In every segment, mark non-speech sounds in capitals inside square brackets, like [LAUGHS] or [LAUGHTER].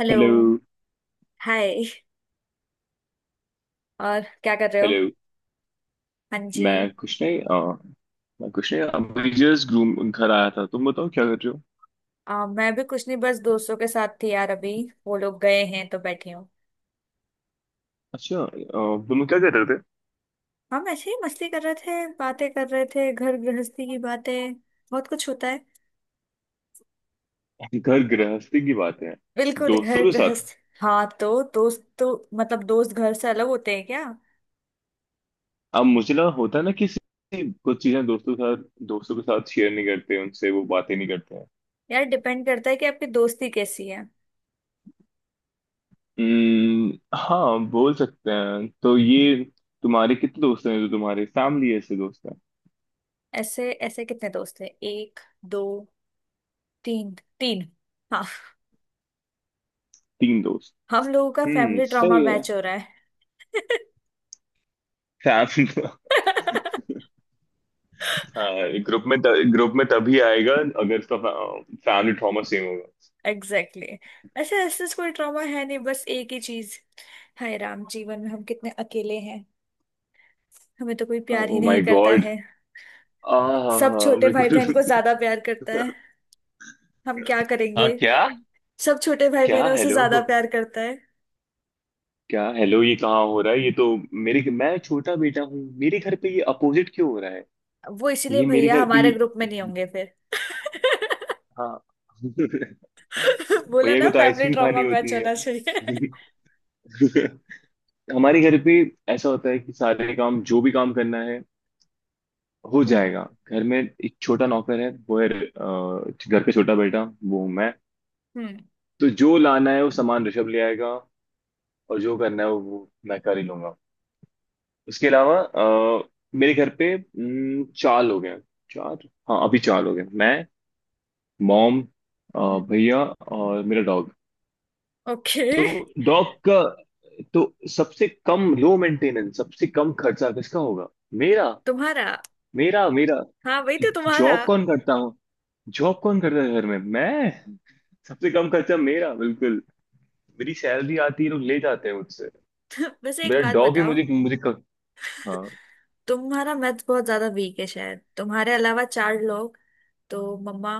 Hello. Hello. Hi. और क्या कर रहे हो? हेलो। हाँ जी। मैं कुछ नहीं अ, मैं कुछ नहीं अभी जस्ट घूम घर आया था। तुम बताओ क्या कर रहे हो? मैं भी कुछ नहीं, बस दोस्तों के साथ थी यार अभी। वो लोग गए हैं तो बैठी हूँ। अच्छा। तुम क्या कर रहे हम ऐसे ही मस्ती कर रहे थे, बातें कर रहे थे, घर गृहस्थी की बातें। बहुत कुछ होता है। थे? घर गृहस्थी की बातें हैं। बिल्कुल घर दोस्तों के साथ? गृहस्थ। हाँ तो दोस्त तो, मतलब दोस्त घर से अलग होते हैं क्या? अब मुझे लगा होता है ना, किसी कुछ चीजें दोस्तों के साथ शेयर नहीं करते, उनसे वो बातें नहीं करते हैं। यार डिपेंड करता है कि आपकी दोस्ती कैसी है। हाँ, बोल सकते हैं तो ये। तुम्हारे कितने दोस्त हैं जो तुम्हारे फैमिली ऐसे दोस्त हैं? ऐसे ऐसे कितने दोस्त हैं, एक, दो, तीन। तीन। हाँ। तीन दोस्त। हम लोगों का फैमिली ड्रामा सही है। मैच हो रहा है। फैमिली [LAUGHS] [LAUGHS] हाँ। ग्रुप में तभी आएगा अगर उसका फैमिली ट्रॉमा सेम होगा। Exactly exactly। अच्छा ऐसा कोई ट्रॉमा है नहीं, बस एक ही चीज। हाय राम जीवन में हम कितने अकेले हैं। हमें तो कोई प्यार ही ओ नहीं माय करता गॉड। है। सब आह, छोटे भाई बिल्कुल। बहन को ज्यादा प्यार करता है। हम क्या करेंगे? हाँ, क्या? सब छोटे भाई क्या बहन उसे हेलो ज्यादा को? प्यार करता है। क्या हेलो, ये कहाँ हो रहा है? ये तो, मेरे मैं छोटा बेटा हूँ, मेरे घर पे ये अपोजिट क्यों हो रहा है? वो इसीलिए ये मेरे भैया घर पे हमारे ग्रुप ये। में नहीं होंगे फिर। हाँ। [LAUGHS] [LAUGHS] बोला भैया ना, को तो फैमिली आइसक्रीम ट्रॉमा खानी मैच होती है। होना चाहिए। [LAUGHS] हमारे घर पे ऐसा होता है कि सारे काम, जो भी काम करना है, हो हम्म जाएगा। घर में एक छोटा नौकर है, वो है, घर पे छोटा बेटा वो हूं मैं। हम्म। तो जो लाना है वो सामान ऋषभ ले आएगा, और जो करना है वो मैं कर ही लूंगा। उसके अलावा मेरे घर पे चार लोग हैं। चार, हाँ, अभी चार लोग हैं: मैं, मॉम, अ, भैया और मेरा डॉग। [LAUGHS] तो ओके। डॉग का, तो सबसे कम लो मेंटेनेंस, सबसे कम खर्चा किसका होगा? मेरा। तुम्हारा। मेरा, मेरा। हाँ वही तो तुम्हारा। जॉब कौन करता हूँ जॉब कौन करता है घर में? मैं। सबसे कम खर्चा मेरा, बिल्कुल। मेरी सैलरी आती है, लोग ले जाते हैं मुझसे। [LAUGHS] वैसे एक मेरा बात डॉग ही बताओ, मुझे मुझे क... हाँ। तुम्हारा मैथ बहुत ज्यादा वीक है, शायद तुम्हारे अलावा चार लोग तो मम्मा,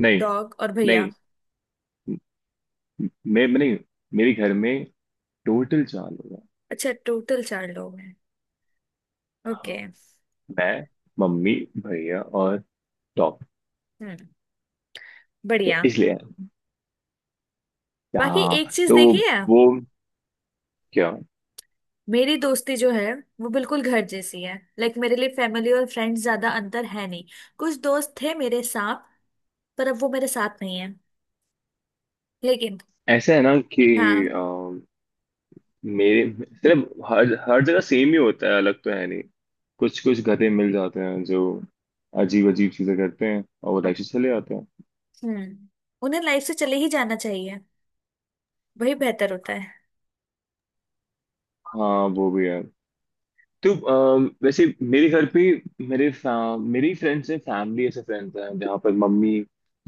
नहीं, डॉग और भैया। नहीं, मैं नहीं, मेरे घर में टोटल चार लोग हैं। अच्छा टोटल चार लोग हैं। हाँ, ओके। मैं, मम्मी, भैया और डॉग। हम्म। तो बढ़िया। इसलिए। बाकी एक हाँ चीज तो देखी है, वो, क्या? मेरी दोस्ती जो है, वो बिल्कुल घर जैसी है, लाइक मेरे लिए फैमिली और फ्रेंड्स ज्यादा अंतर है नहीं। कुछ दोस्त थे मेरे साथ, पर अब वो मेरे साथ नहीं है लेकिन। ऐसा है ना कि हाँ। अम, मेरे, सिर्फ हर हर जगह सेम ही होता है, अलग तो है नहीं। कुछ कुछ गधे मिल जाते हैं जो अजीब अजीब चीजें करते हैं और वो अब। लाइफ से चले जाते हैं। हम्म। उन्हें लाइफ से चले ही जाना चाहिए। वही बेहतर होता है। हाँ, वो भी है। तो वैसे मेरे घर पे, मेरी फ्रेंड्स हैं, फैमिली ऐसे फ्रेंड्स हैं जहाँ पर मम्मी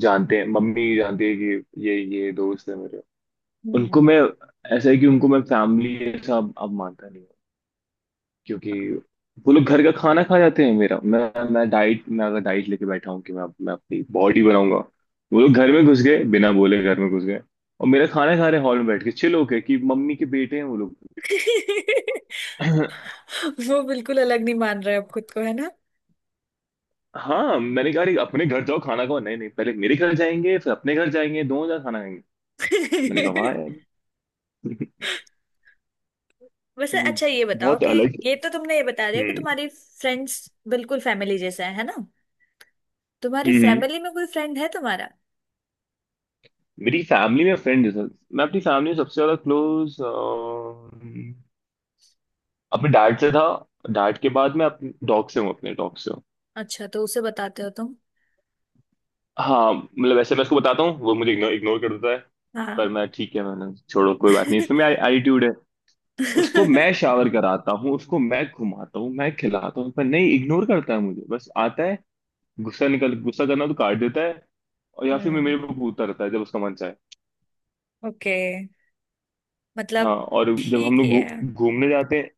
जानते हैं मम्मी जानती है कि ये दोस्त है मेरे। उनको हम्म। मैं ऐसा है कि उनको मैं फैमिली ऐसा अब मानता नहीं हूँ, क्योंकि वो लोग घर का खाना खा जाते हैं। मेरा मैं डाइट मैं अगर डाइट लेके बैठा हूँ कि मैं अपनी बॉडी बनाऊंगा, वो लोग घर में घुस गए, बिना बोले घर में घुस गए, और मेरा खाना खा रहे, हॉल में बैठ के चिल होके, कि मम्मी के बेटे हैं वो लोग। [LAUGHS] [CLEARS THROAT] [LAUGHS] वो बिल्कुल अलग नहीं मान रहे अब खुद को, है ना? हाँ, मैंने कहा, अरे अपने घर जाओ खाना खाओ, नहीं नहीं, पहले मेरे घर जाएंगे फिर अपने घर जाएंगे, दोनों जगह खाना खाएंगे। मैंने कहा, वाह यार। [LAUGHS] वैसे ए, अच्छा ये बताओ बहुत कि, अलग। ये तो तुमने ये बता दिया कि हम्म, तुम्हारी फ्रेंड्स बिल्कुल फैमिली जैसे हैं, है ना? तुम्हारी हम्म, फैमिली में कोई फ्रेंड है तुम्हारा? मेरी फैमिली में फ्रेंड है, सर। मैं अपनी फैमिली में सबसे ज्यादा क्लोज अपने डैड से था। डैड के बाद मैं अपने डॉग से हूँ, अपने डॉग से हूँ। अच्छा तो उसे बताते हो तुम। हाँ, मतलब वैसे मैं उसको बताता हूँ, वो मुझे इग्नोर इग्नोर कर देता है। हाँ। पर मैं, ठीक है, मैंने छोड़ो, कोई बात नहीं, इसमें [LAUGHS] मेरा एटीट्यूड है। उसको हम्म। मैं शावर कराता हूँ, उसको मैं घुमाता हूँ, मैं खिलाता हूँ, पर नहीं, इग्नोर करता है मुझे, बस आता है गुस्सा, निकल गुस्सा करना, तो काट देता है। और या फिर मेरे को कूदता रहता है जब उसका मन चाहे। ओके। मतलब हाँ, और जब ठीक हम लोग ही है। घूमने जाते हैं,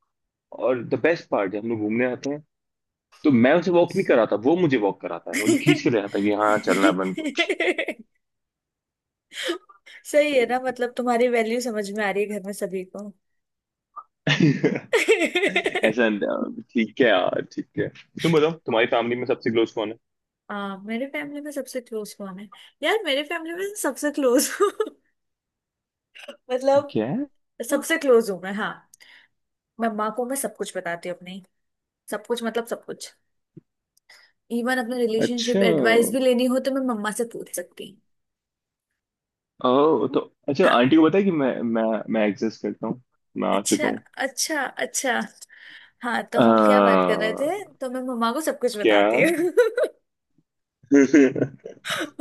और द बेस्ट पार्ट, जब हम लोग घूमने जाते हैं, तो मैं उसे वॉक नहीं कराता, वो मुझे वॉक कराता है, मुझे खींच के [LAUGHS] ले जाता है कि हाँ चलना है अपन को। सही है ना, मतलब तुम्हारी वैल्यू समझ में आ रही है घर में सभी को। [LAUGHS] ऐसा न- ठीक है यार, ठीक है। तुम बताओ, तुम्हारी [LAUGHS] फैमिली में सबसे क्लोज कौन है? हाँ मेरे फैमिली में सबसे क्लोज कौन है? यार मेरे फैमिली में सबसे क्लोज हूँ। [LAUGHS] मतलब क्या है? सबसे क्लोज हूँ मैं, हाँ। मैं माँ को मैं सब कुछ बताती हूँ अपनी, सब कुछ मतलब सब कुछ। इवन अपने अच्छा, रिलेशनशिप एडवाइस भी लेनी हो तो मैं मम्मा से पूछ सकती हूँ। ओ तो, अच्छा, हाँ। आंटी को पता है कि मैं मैं एग्जिस्ट करता हूँ, मैं आ अच्छा चुका हूँ। अच्छा। अच्छा। हाँ तो आ, हम क्या बात कर रहे थे, तो मैं मम्मा को सब कुछ क्या? बताती हूँ। [LAUGHS] [LAUGHS]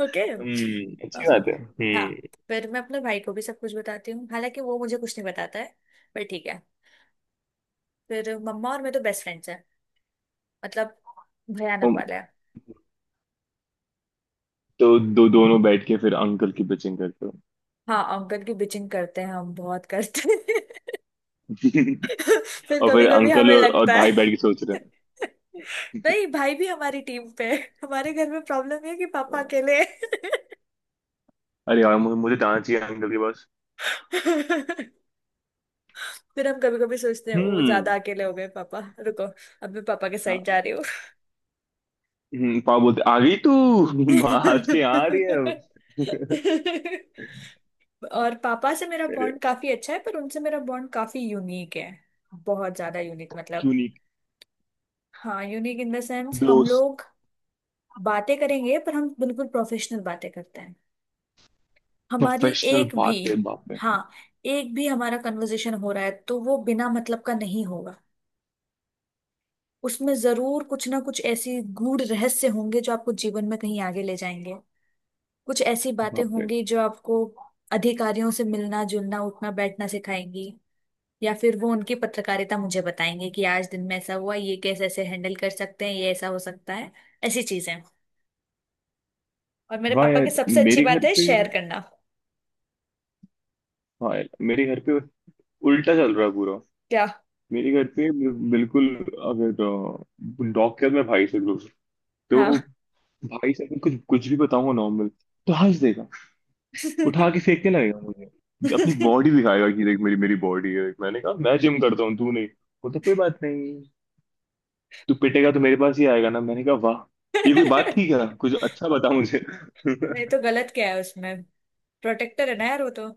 ओके। अच्छी बात है। हाँ। हम्म। फिर मैं अपने भाई को भी सब कुछ बताती हूँ, हालांकि वो मुझे कुछ नहीं बताता है, पर ठीक है। फिर मम्मा और मैं तो बेस्ट फ्रेंड्स हैं, मतलब भयानक तुम वाला है। तो दो दोनों बैठ के फिर अंकल की पिचिंग करते हो। हाँ अंकल की बिचिंग करते हैं, हम बहुत करते हैं। [LAUGHS] [LAUGHS] फिर और कभी फिर कभी अंकल हमें और लगता है। भाई बैठ के सोच रहे [LAUGHS] नहीं भाई भी हमारी टीम पे है। हमारे घर में प्रॉब्लम है कि पापा हैं, अकेले हैं। अरे यार मुझे मुझे जाना चाहिए अंकल के पास। [LAUGHS] फिर हम कभी कभी सोचते हैं ओ हम्म, ज्यादा अकेले हो गए पापा। रुको, अब मैं पापा के साइड हाँ, जा रही हूँ। पापा बोलते, आ गई तू। [LAUGHS] हंस [LAUGHS] के आ रही है अब। और पापा से मेरा अरे, बॉन्ड काफी अच्छा है, पर उनसे मेरा बॉन्ड काफी यूनिक है। बहुत ज्यादा यूनिक, मतलब। यूनिक हाँ यूनिक इन द सेंस, हम दोस्त, लोग बातें करेंगे पर हम बिल्कुल प्रोफेशनल बातें करते हैं। हमारी प्रोफेशनल एक भी, बात है, बाप रे। हाँ, एक भी हमारा कन्वर्सेशन हो रहा है तो वो बिना मतलब का नहीं होगा। उसमें जरूर कुछ ना कुछ ऐसी गूढ़ रहस्य होंगे जो आपको जीवन में कहीं आगे ले जाएंगे। कुछ ऐसी बातें बाप रे, होंगी जो आपको अधिकारियों से मिलना जुलना उठना बैठना सिखाएंगी। या फिर वो उनकी पत्रकारिता मुझे बताएंगे कि आज दिन में ऐसा हुआ, ये कैसे ऐसे हैंडल कर सकते हैं, ये ऐसा हो सकता है, ऐसी चीजें। और मेरे वाह पापा की यार। सबसे अच्छी मेरे बात घर है पे, शेयर करना। हाँ यार मेरे घर पे उल्टा चल रहा है पूरा। क्या? मेरे घर पे बिल्कुल। अगर डॉग के बाद मेरे भाई से दूर, तो हाँ। भाई से अगर कुछ कुछ भी बताऊंगा नॉर्मल, तो हंस देगा, उठा के [LAUGHS] फेंकने लगेगा मुझे, अपनी नहीं बॉडी दिखाएगा कि देख मेरी मेरी बॉडी है, मैंने कहा मैं जिम करता हूँ तू नहीं, बोलता, कोई बात नहीं, तू पिटेगा तो मेरे पास ही आएगा ना, मैंने कहा वाह, ये कोई बात थी क्या, कुछ अच्छा बता मुझे। [LAUGHS] तो गलत क्या है उसमें? प्रोटेक्टर है ना यार वो तो।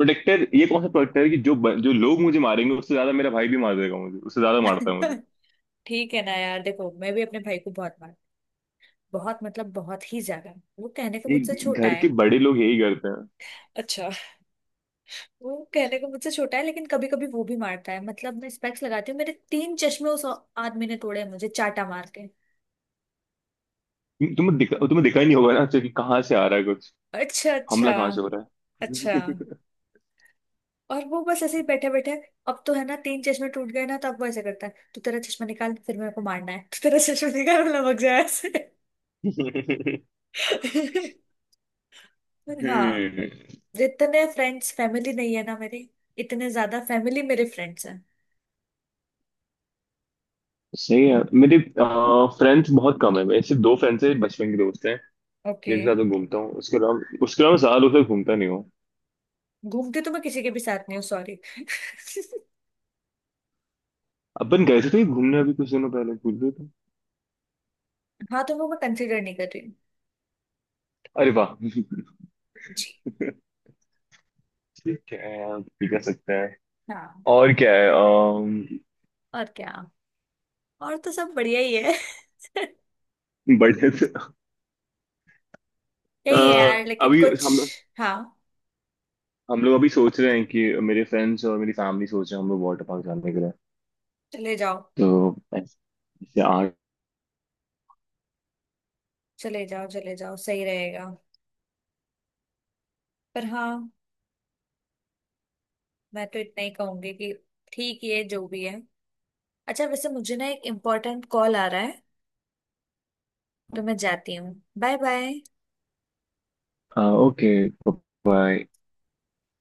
प्रोटेक्टर? ये कौन सा प्रोटेक्टर है कि जो लोग मुझे मारेंगे उससे ज्यादा मेरा भाई भी मार देगा मुझे, उससे ज्यादा मारता है मुझे। [LAUGHS] ठीक है ना यार, देखो मैं भी अपने भाई को बहुत मार, बहुत मतलब बहुत ही ज्यादा। वो कहने को ये मुझसे छोटा घर है। के बड़े लोग यही करते अच्छा। वो कहने को मुझसे छोटा है लेकिन कभी कभी वो भी मारता है, मतलब मैं स्पेक्स लगाती हूँ, मेरे तीन चश्मे उस आदमी ने तोड़े हैं मुझे चाटा मार के। हैं। तुम्हें दिखा ही नहीं होगा ना, अच्छा, कि कहाँ से आ रहा है कुछ, अच्छा अच्छा। हमला कहाँ से हो रहा अच्छा। और वो बस ऐसे ही बैठे बैठे। अब तो है ना तीन चश्मे टूट गए ना, तो अब वो ऐसे करता है, तू तेरा चश्मा निकाल फिर मेरे को मारना है। [LAUGHS] तू तेरा चश्मा निकाल, मैं लमक जाए ऐसे। है। [LAUGHS] [LAUGHS] हाँ। हम्म जितने फ्रेंड्स फैमिली नहीं है ना मेरी, इतने ज्यादा फैमिली मेरे फ्रेंड्स हैं। सही है। मेरे फ्रेंड्स बहुत कम है, मेरे सिर्फ दो फ्रेंड्स हैं, बचपन के दोस्त हैं, ओके। जिनके साथ मैं घूमता हूँ, उसके अलावा ज्यादा लोग से घूमता नहीं हूँ। घूमती तो मैं किसी के भी साथ नहीं हूँ, सॉरी। [LAUGHS] अपन गए थे तो घूमने अभी कुछ दिनों पहले, भूल गए थे। हाँ तो वो मैं वो कंसिडर नहीं कर रही हूँ। अरे वाह। जी। ठीक है यार, ठीक कर सकते हैं। हाँ और क्या है? और क्या? और तो सब बढ़िया ही है। [LAUGHS] बर्थडे से, अ, यही है यार, लेकिन अभी कुछ। हाँ। हम लोग अभी सोच रहे हैं कि मेरे फ्रेंड्स और मेरी फैमिली सोच रहे हैं हम लोग वाटर पार्क जाने के लिए, चले जाओ। तो ऐसे आठ। चले जाओ चले जाओ, सही रहेगा। पर हाँ, मैं तो इतना ही कहूंगी कि ठीक ही है जो भी है। अच्छा वैसे मुझे ना एक इम्पोर्टेंट कॉल आ रहा है, तो मैं जाती हूँ। Bye bye. ओके। बाय।